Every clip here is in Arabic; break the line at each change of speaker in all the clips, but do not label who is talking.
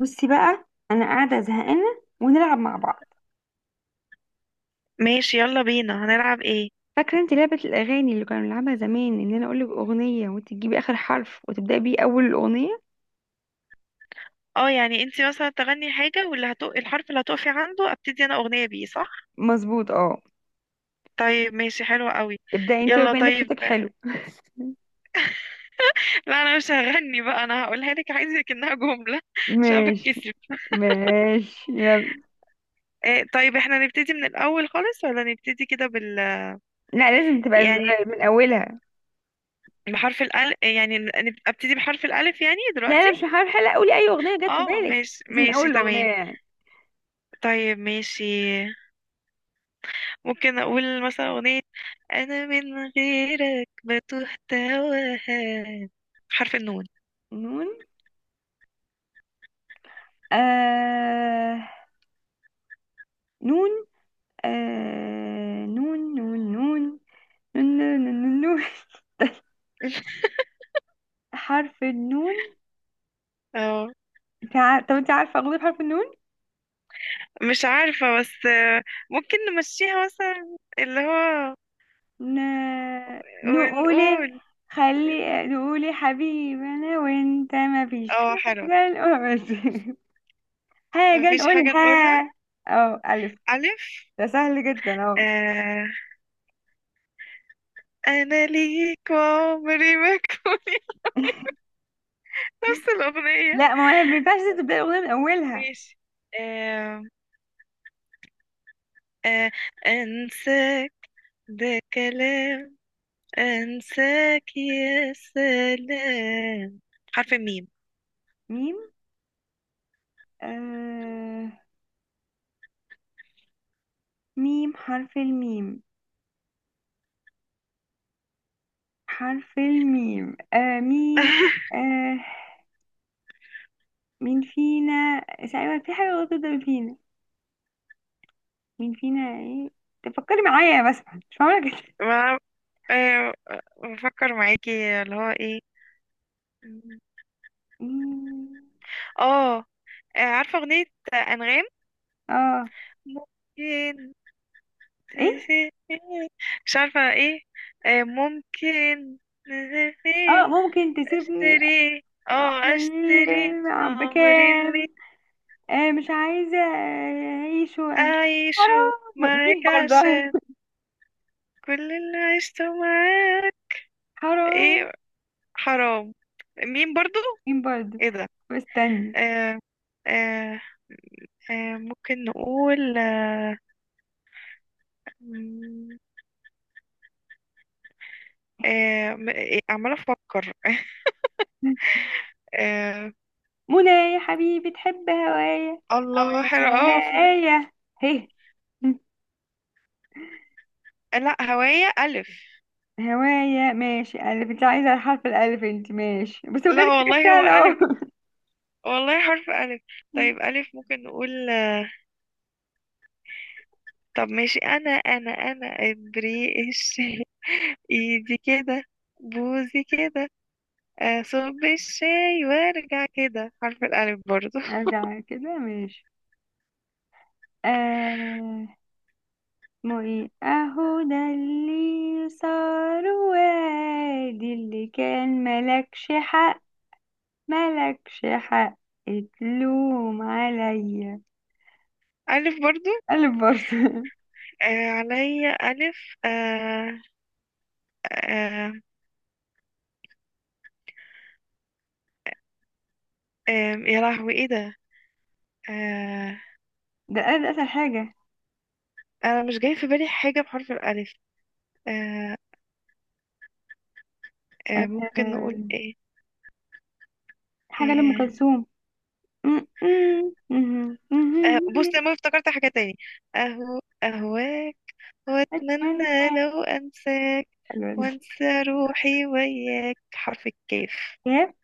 بصي بقى، انا قاعده زهقانه ونلعب مع بعض.
ماشي، يلا بينا. هنلعب ايه؟
فاكره انت لعبه الاغاني اللي كنا بنلعبها زمان؟ ان انا اقول لك اغنيه وانت تجيبي اخر حرف وتبداي بيه اول الاغنيه.
اه، يعني انتي مثلا تغني حاجة واللي الحرف اللي هتقفي عنده، ابتدي انا اغنية بيه، صح؟
مظبوط، اه.
طيب ماشي، حلوة قوي.
ابداي انت
يلا
وبين لك،
طيب.
صوتك حلو.
لا، انا مش هغني بقى، انا هقولها لك. عايزك انها جملة عشان أنا
ماشي،
بتكسف.
ماشي يلا.
إيه، طيب احنا نبتدي من الاول خالص ولا نبتدي كده بال؟
لا، لازم تبقى
يعني
من اولها.
بحرف الألف، يعني ابتدي بحرف الألف يعني
لا،
دلوقتي.
انا مش هحاول حلقه، قولي اي اغنيه جت في
اه
بالك
ماشي
بس من اول
ماشي
الاغنيه
تمام.
يعني.
طيب ماشي. ممكن اقول مثلا اغنية: انا من غيرك بتوه تواها. حرف النون.
نون، آه نون، نون نون نون، نون نون نون، نون. حرف النون.
اه،
طب انت عارفة أغنية بحرف النون؟
مش عارفة بس، ممكن نمشيها مثلا، اللي هو
ن... نقولي،
ونقول.
خلي نقولي حبيبي أنا وأنت ما فيش
اه
حاجة
حلوة.
نقول حاجة
مفيش حاجة نقولها.
نقولها. اه، ألف.
ألف.
ده سهل جدا اهو.
آه، أنا ليك وعمري ما كوني. نفس الأغنية.
لا، ما هي ما ينفعش تبدأ الأغنية من أولها.
ماشي. آه. آه. أنساك ده كلام، أنساك يا سلام. حرف الميم.
ميم، آه... ميم، حرف الميم. حرف الميم، مين. آه، مين فينا تقريبا، في حاجة غلط جدا، مين فينا، مين فينا ايه. تفكري معايا بس، مش معقولة كده.
ما، آه، بفكر معاكي، اللي هو ايه.
مم.
اه، عارفة أغنية أنغام؟
اه،
ممكن
ايه،
تسيب مش عارفة ايه. ممكن تسيب
اه ممكن تسيبني.
اشتري. اه، اشتري يا عمري اللي
بكام. آه، مش عايزة اعيش
أعيشه
حرام، مين
معاك
برضه.
عشان كل اللي عشته معاك.
حرام،
ايه. حرام. مين برضو.
مين برضه.
ايه ده.
استني.
آه. آه. آه، ممكن نقول آه، مم. آه، م- إيه، عمالة أفكر. آه،
منى يا حبيبي تحب هوايا.
الله حلو أوي.
هوايا، هي
لا هواية ألف.
هوايا. ماشي ألف، انت عايزة الحرف الألف انت، ماشي بس بجد
لا
حاجة
والله هو
سهلة اهو.
ألف، والله حرف ألف. طيب ألف، ممكن نقول طب ماشي، أنا أنا إبريق الشاي. إيدي كده، بوزي كده، أصب الشاي وأرجع كده. حرف الألف برضو.
ارجع كده، ماشي. آه، معي اهو ده اللي صار وادي اللي كان ملكش حق. ملكش حق، اتلوم عليا.
ألف برضو.
قلب برضه.
آه عليا ألف. آه. آه. آه. يا لهوي إيه ده. آه.
ده قلب، اسهل حاجة.
أنا مش جاي في بالي حاجة بحرف الألف. آه. آه ممكن نقول
آه،
ايه.
حاجة لأم
آه.
كلثوم.
آه، بص انا افتكرت حاجة تاني: اهو اهواك
أتمنى،
واتمنى لو انساك
أيوة دي.
وانسى روحي وياك. حرف الكاف.
كاف،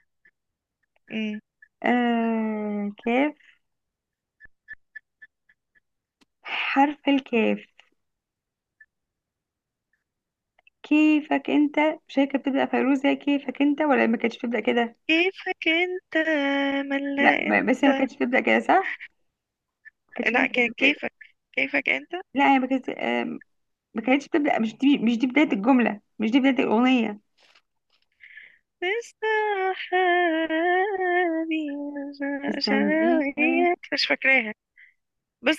مم.
آه كاف، حرف الكاف. كيفك انت، مش هي كانت بتبدأ فيروز هي كيفك انت؟ ولا ما كانتش بتبدأ كده؟
كيفك انت
لا،
ملا
بس هي ما
انت.
كانتش بتبدأ كده، صح؟ كانتش
لا
بنت
كان
بتبدأ.
كيفك، كيفك انت
لا هي ما كانتش، ما كانتش بتبدأ، مش دي، مش دي بداية الجملة، مش دي بداية الأغنية.
لسه حالي.
استني، ايه، آه.
مش فاكراها بس،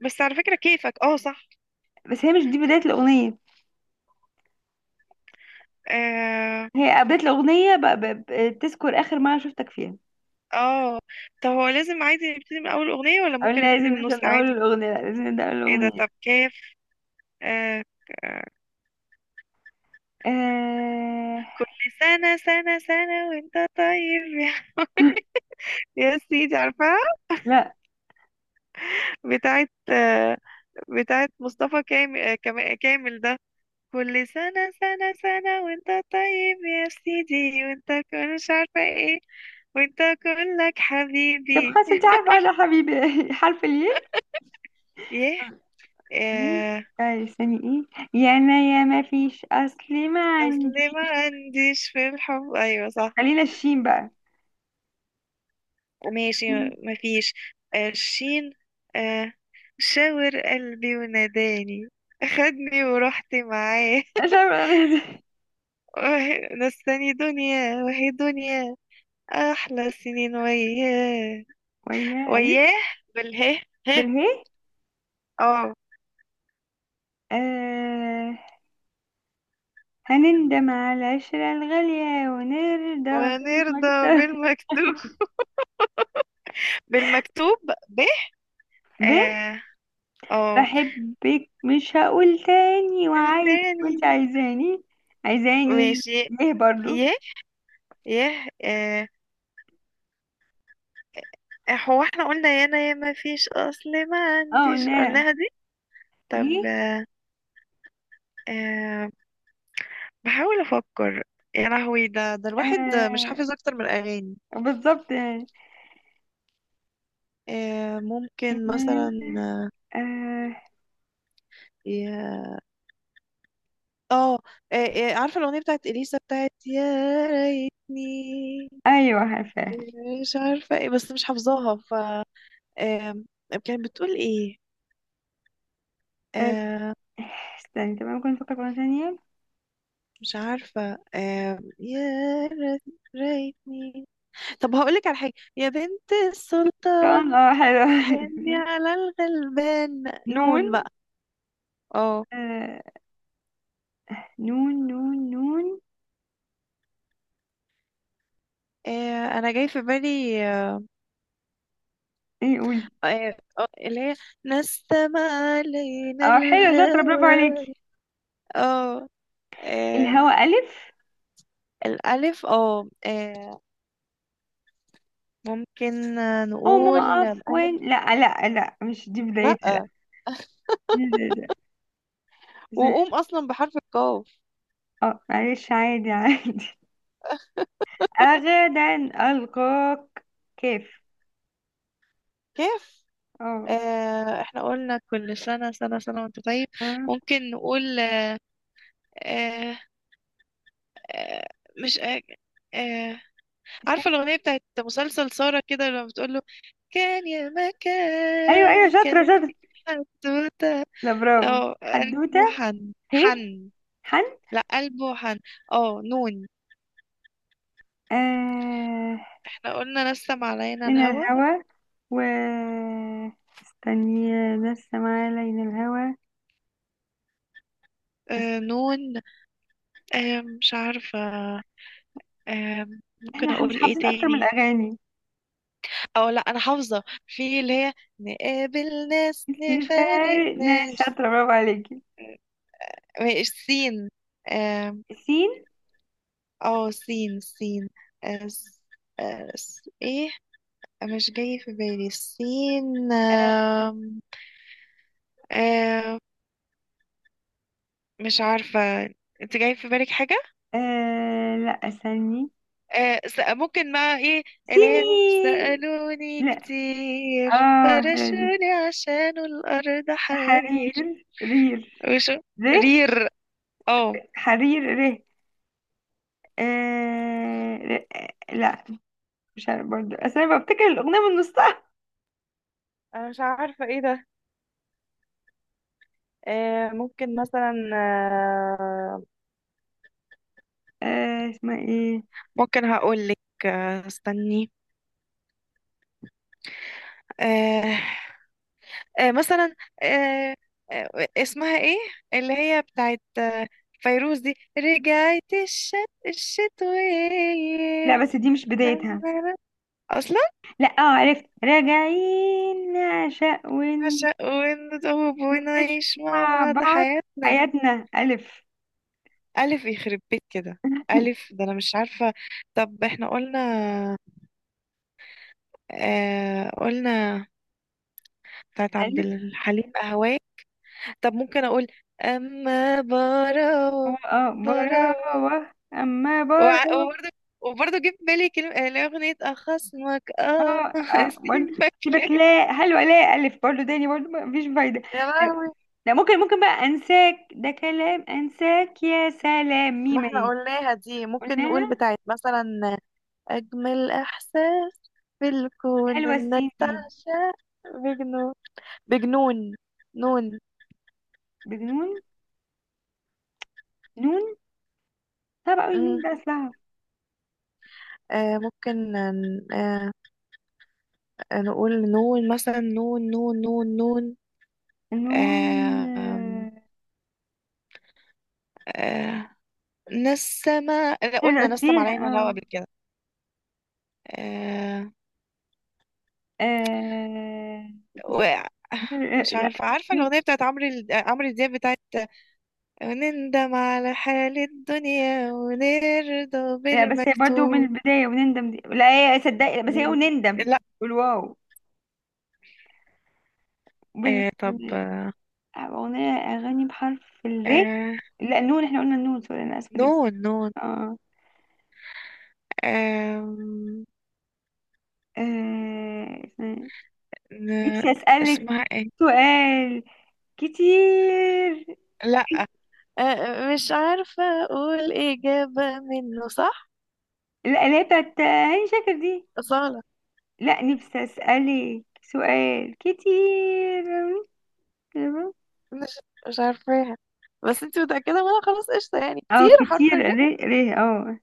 على فكرة كيفك اه صح.
بس هي مش دي بداية الأغنية،
آه.
هي بداية الأغنية بتذكر آخر مرة شفتك فيها.
اه، طب هو لازم عادي نبتدي من اول اغنية ولا
أو
ممكن
لا، لازم
نبتدي من
نبدأ من
النص
أول
عادي؟
الأغنية، لا لازم نبدأ من
ايه ده، طب
الأغنية.
كيف. آه ك- آه،
آه...
كل سنة سنة سنة وانت طيب يا، يا سيدي عارفاها؟
لا.
بتاعت آه، بتاعت مصطفى كامل. كامل ده. كل سنة سنة سنة وانت طيب يا سيدي، وانت كل مش عارفة ايه، وانت كلك
طب
حبيبي.
خلاص انت عارفة أنا حبيبي حرف الياء.
يه. آه،
طيب استني ايه، يا انا يا ما فيش اصل ما
اصل
عندي.
ما عنديش في الحب، ايوه صح.
خلينا الشين بقى.
ماشي.
مم.
مفيش. آه، شين. آه، شاور قلبي وناداني، خدني ورحت معاه.
مش عارفة.
نساني دنيا وهي دنيا، أحلى سنين وياه.
ويا ألف.
وياه. بالهه. ه.
بالهاء.
اه.
آه، هنندم على العشرة الغالية ونرضى
ونرضى
بالمرضى.
بالمكتوب. بالمكتوب. ب.
ب،
اه. اه.
بحبك مش هقول تاني وعايز كنت
بالتاني.
عايزاني. عايزاني،
ماشي.
ليه برضو؟
يه. يه اه. هو احنا قلنا يانا يا ما فيش اصل ما
اه
عنديش،
لا،
قلناها دي. طب.
ايه،
أه، بحاول أفكر. يا لهوي، ده الواحد مش
آه
حافظ أكتر من الأغاني.
بالظبط يعني.
أه ممكن مثلا
آه،
يا. اه. عارفة الأغنية بتاعت إليسا بتاعت يا ريتني
ايوه عارفاه.
مش عارفة ايه، بس مش حافظاها. ف آه، كانت بتقول ايه.
آه،
أه
استني، طب ممكن نفكر مرة ثانية.
مش عارفة. أه يا ريت- ريتني. طب هقولك على حاجة: يا بنت السلطان
طبعاً، اه
حني
حلو.
على الغلبان.
نون.
نون بقى. اه،
آه نون نون نون.
آه، انا جاي في بالي
ايه، قولي.
اللي هي نستمع علينا
اه حلو، شاطرة، برافو عليك.
الهوى. اه. آه
الهوا ألف.
الالف اه، آه، ممكن آه،
أو ما
نقول الف.
أقف وين، لا لا لا، مش دي بدايتها، لا
لا
مش دي بدايتها. إذا-
وقوم اصلا بحرف القاف.
اه معلش، عادي عادي. أغدا ألقاك، كيف؟
كيف.
اه،
احنا قلنا كل سنة سنة سنة وانت طيب.
آه.
ممكن نقول آه، آه، مش آه، آه، عارفة الأغنية بتاعت مسلسل سارة كده لما بتقول له كان يا
أيوه أيوه،
مكان
شاطرة
كان
شاطرة.
سودة؟
لا برافو،
اه قلب
حدوتة.
وحن
هي،
حن.
حن.
لا قلب وحن. اه نون.
آه،
احنا قلنا نسم علينا
من
الهوى.
الهوا، و استني لسه معايا، لين الهوا.
آه
است-
نون. آه مش عارفة. آه ممكن
احنا مش
اقول ايه
حافظين اكتر من
تاني.
الاغاني.
او لا، انا حافظة في اللي هي نقابل ناس نفارق
نفارق ناس،
ناس.
شاطره برافو عليكي.
مش سين. اه.
سين.
آه، سين سين آه س- آه س- ايه، مش جاي في بالي سين. آم، آم، مش عارفة. انت جاي في بالك حاجة؟
لا استني.
آه س- ممكن بقى ايه؟ اللي هي
سنين،
سألوني
لا.
كتير
اه حلوة دي.
فرشوني عشان الأرض حرير.
حرير، رير،
وشو.
ره.
رير. اه.
حرير، ره. لا، مش عارف برضه، أصل انا بفتكر الاغنيه من نصها.
انا مش عارفة ايه ده. آه ممكن مثلا. آه
آه، اسمها ايه؟
ممكن هقول لك. آه استني. آه. آه مثلا. آه. آه. اسمها ايه اللي هي بتاعت فيروز، دي رجعت
لا
الشتوية
بس دي مش بدايتها.
اصلا.
لا، اه عرفت، راجعين نعشق
عشق ونتوب
ونعيش
ونعيش مع
مع
بعض
بعض
حياتنا.
حياتنا. الف،
الف يخرب بيت كده. الف ده انا مش عارفه. طب احنا قلنا، قلنا بتاعت عبد
الف.
الحليم اهواك. طب ممكن اقول اما براو.
اه
براو.
براوه، اما براوه.
وبرضه، وبرضه جه في بالي كلمة اللي هي أغنية أخصمك اه
اه اه برضه.
أسيبك ليه.
سيبك، لا هل؟ ولا ألف برضه تاني؟ برضه مفيش فايدة.
يا
لا
لهوي.
لا، ممكن ممكن بقى أنساك ده كلام، أنساك يا سلام،
ما
ميم
احنا
اهي.
قلناها دي. ممكن نقول
قلناها.
بتاعت مثلا أجمل إحساس في الكون
حلوة
إنك
السين دي.
تعشق بجنون. بجنون. نون.
بجنون، نون. طب أوي النون
مم.
ده أصلها.
آه ممكن، نقول نون مثلا، نون نون نون نون.
نون،
آه. آم،.
آه،
آه. نسمة. لا، قلنا
حلوة
نسم علينا الهوا
اه.
قبل كده. آه.
آه،
وقع. مش
لا
عارفة. عارفة الأغنية بتاعت عمرو دياب بتاعت نندم على حال الدنيا ونرضى
لا بس هي برضه من
بالمكتوب.
البداية، ونندم دي لا. هي صدقي بس هي ونندم،
لا.
والواو. بال...
آه طب.
أغنية، أغاني بحرف الري.
آه
لا نون، احنا قلنا النون، سوري أنا آسفة جدا.
نون نون
اه،
آم،
آه،
ن...
نفسي أسألك
اسمها ايه؟
سؤال كتير.
لا. مش عارفة اقول اجابة منه صح.
لا لا، بتاعت هاني شاكر دي.
أصالة.
لا، نفسي أسألك سؤال كتير.
مش مش عارفاها، بس انت متأكدة منها خلاص قشطة. يعني
اه
كتير، حرف
كتير،
الر.
ري ري، اه.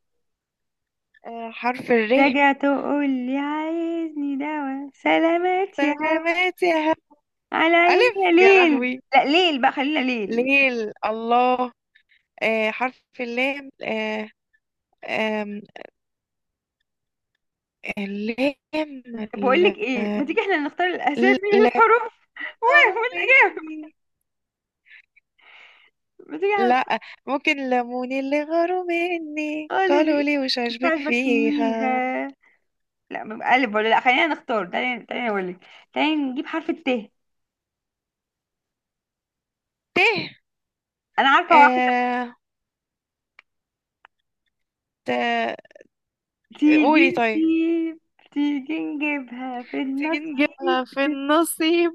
آه حرف الر.
راجع تقول لي عايزني دوا، سلامات يا هوا.
سلامات يا هب.
على عيني
ألف
يا
يا
ليل،
لهوي.
لا ليل بقى، خلينا ليل.
ليل الله. آه حرف اللام. آه، آم، اللام.
طب بقول
ال-.
لك ايه، ما تيجي احنا نختار الاسامي من
لا
الحروف؟
ترى
والاجابه،
مني.
ما تيجي احنا
لا، ممكن لموني اللي غاروا مني
قالوا
قالوا
لي
لي مش
مش
عاجبك
عاجبك
فيها.
فيها. لا بيبقى الف ولا لا خلينا نختار، تعالي تعالي اقول لك. تعالي نجيب حرف الت.
تيه.
انا عارفه واحد.
آه ت....
تيجي
قولي طيب.
نسيب، تيجي نجيبها في
تيجي
النصيب.
نجيبها في النصيب.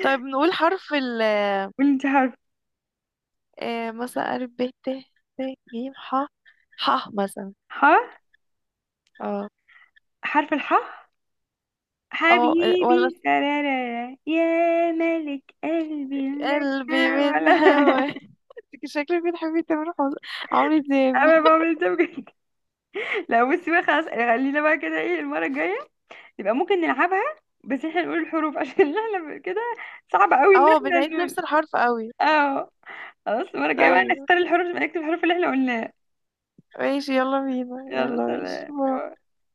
طيب نقول حرف ال.
قولي انت حرف.
آه مثلا ألف ب ت. ت ج ح. ح مثلا.
ح،
اه.
حرف الح.
اه ولا
حبيبي سرارة يا ملك قلبي، لا.
قلبي من
ولا.
هوا. إنت شكلك بتحبي تامر حسني، عمرو دياب.
انا بعمل ده بجد. لا بصي بقى، خلاص، خلينا بقى كده، ايه المرة الجاية يبقى ممكن نلعبها، بس احنا نقول الحروف عشان احنا كده، صعب قوي ان
اه
احنا
بنعيد
نقول.
نفس الحرف قوي.
اه. خلاص، المرة الجاية بقى
طيب
نختار الحروف، نكتب الحروف اللي احنا قلناها.
ماشي، يلا بينا،
يلا
يلا ماشي،
سلام.
باي.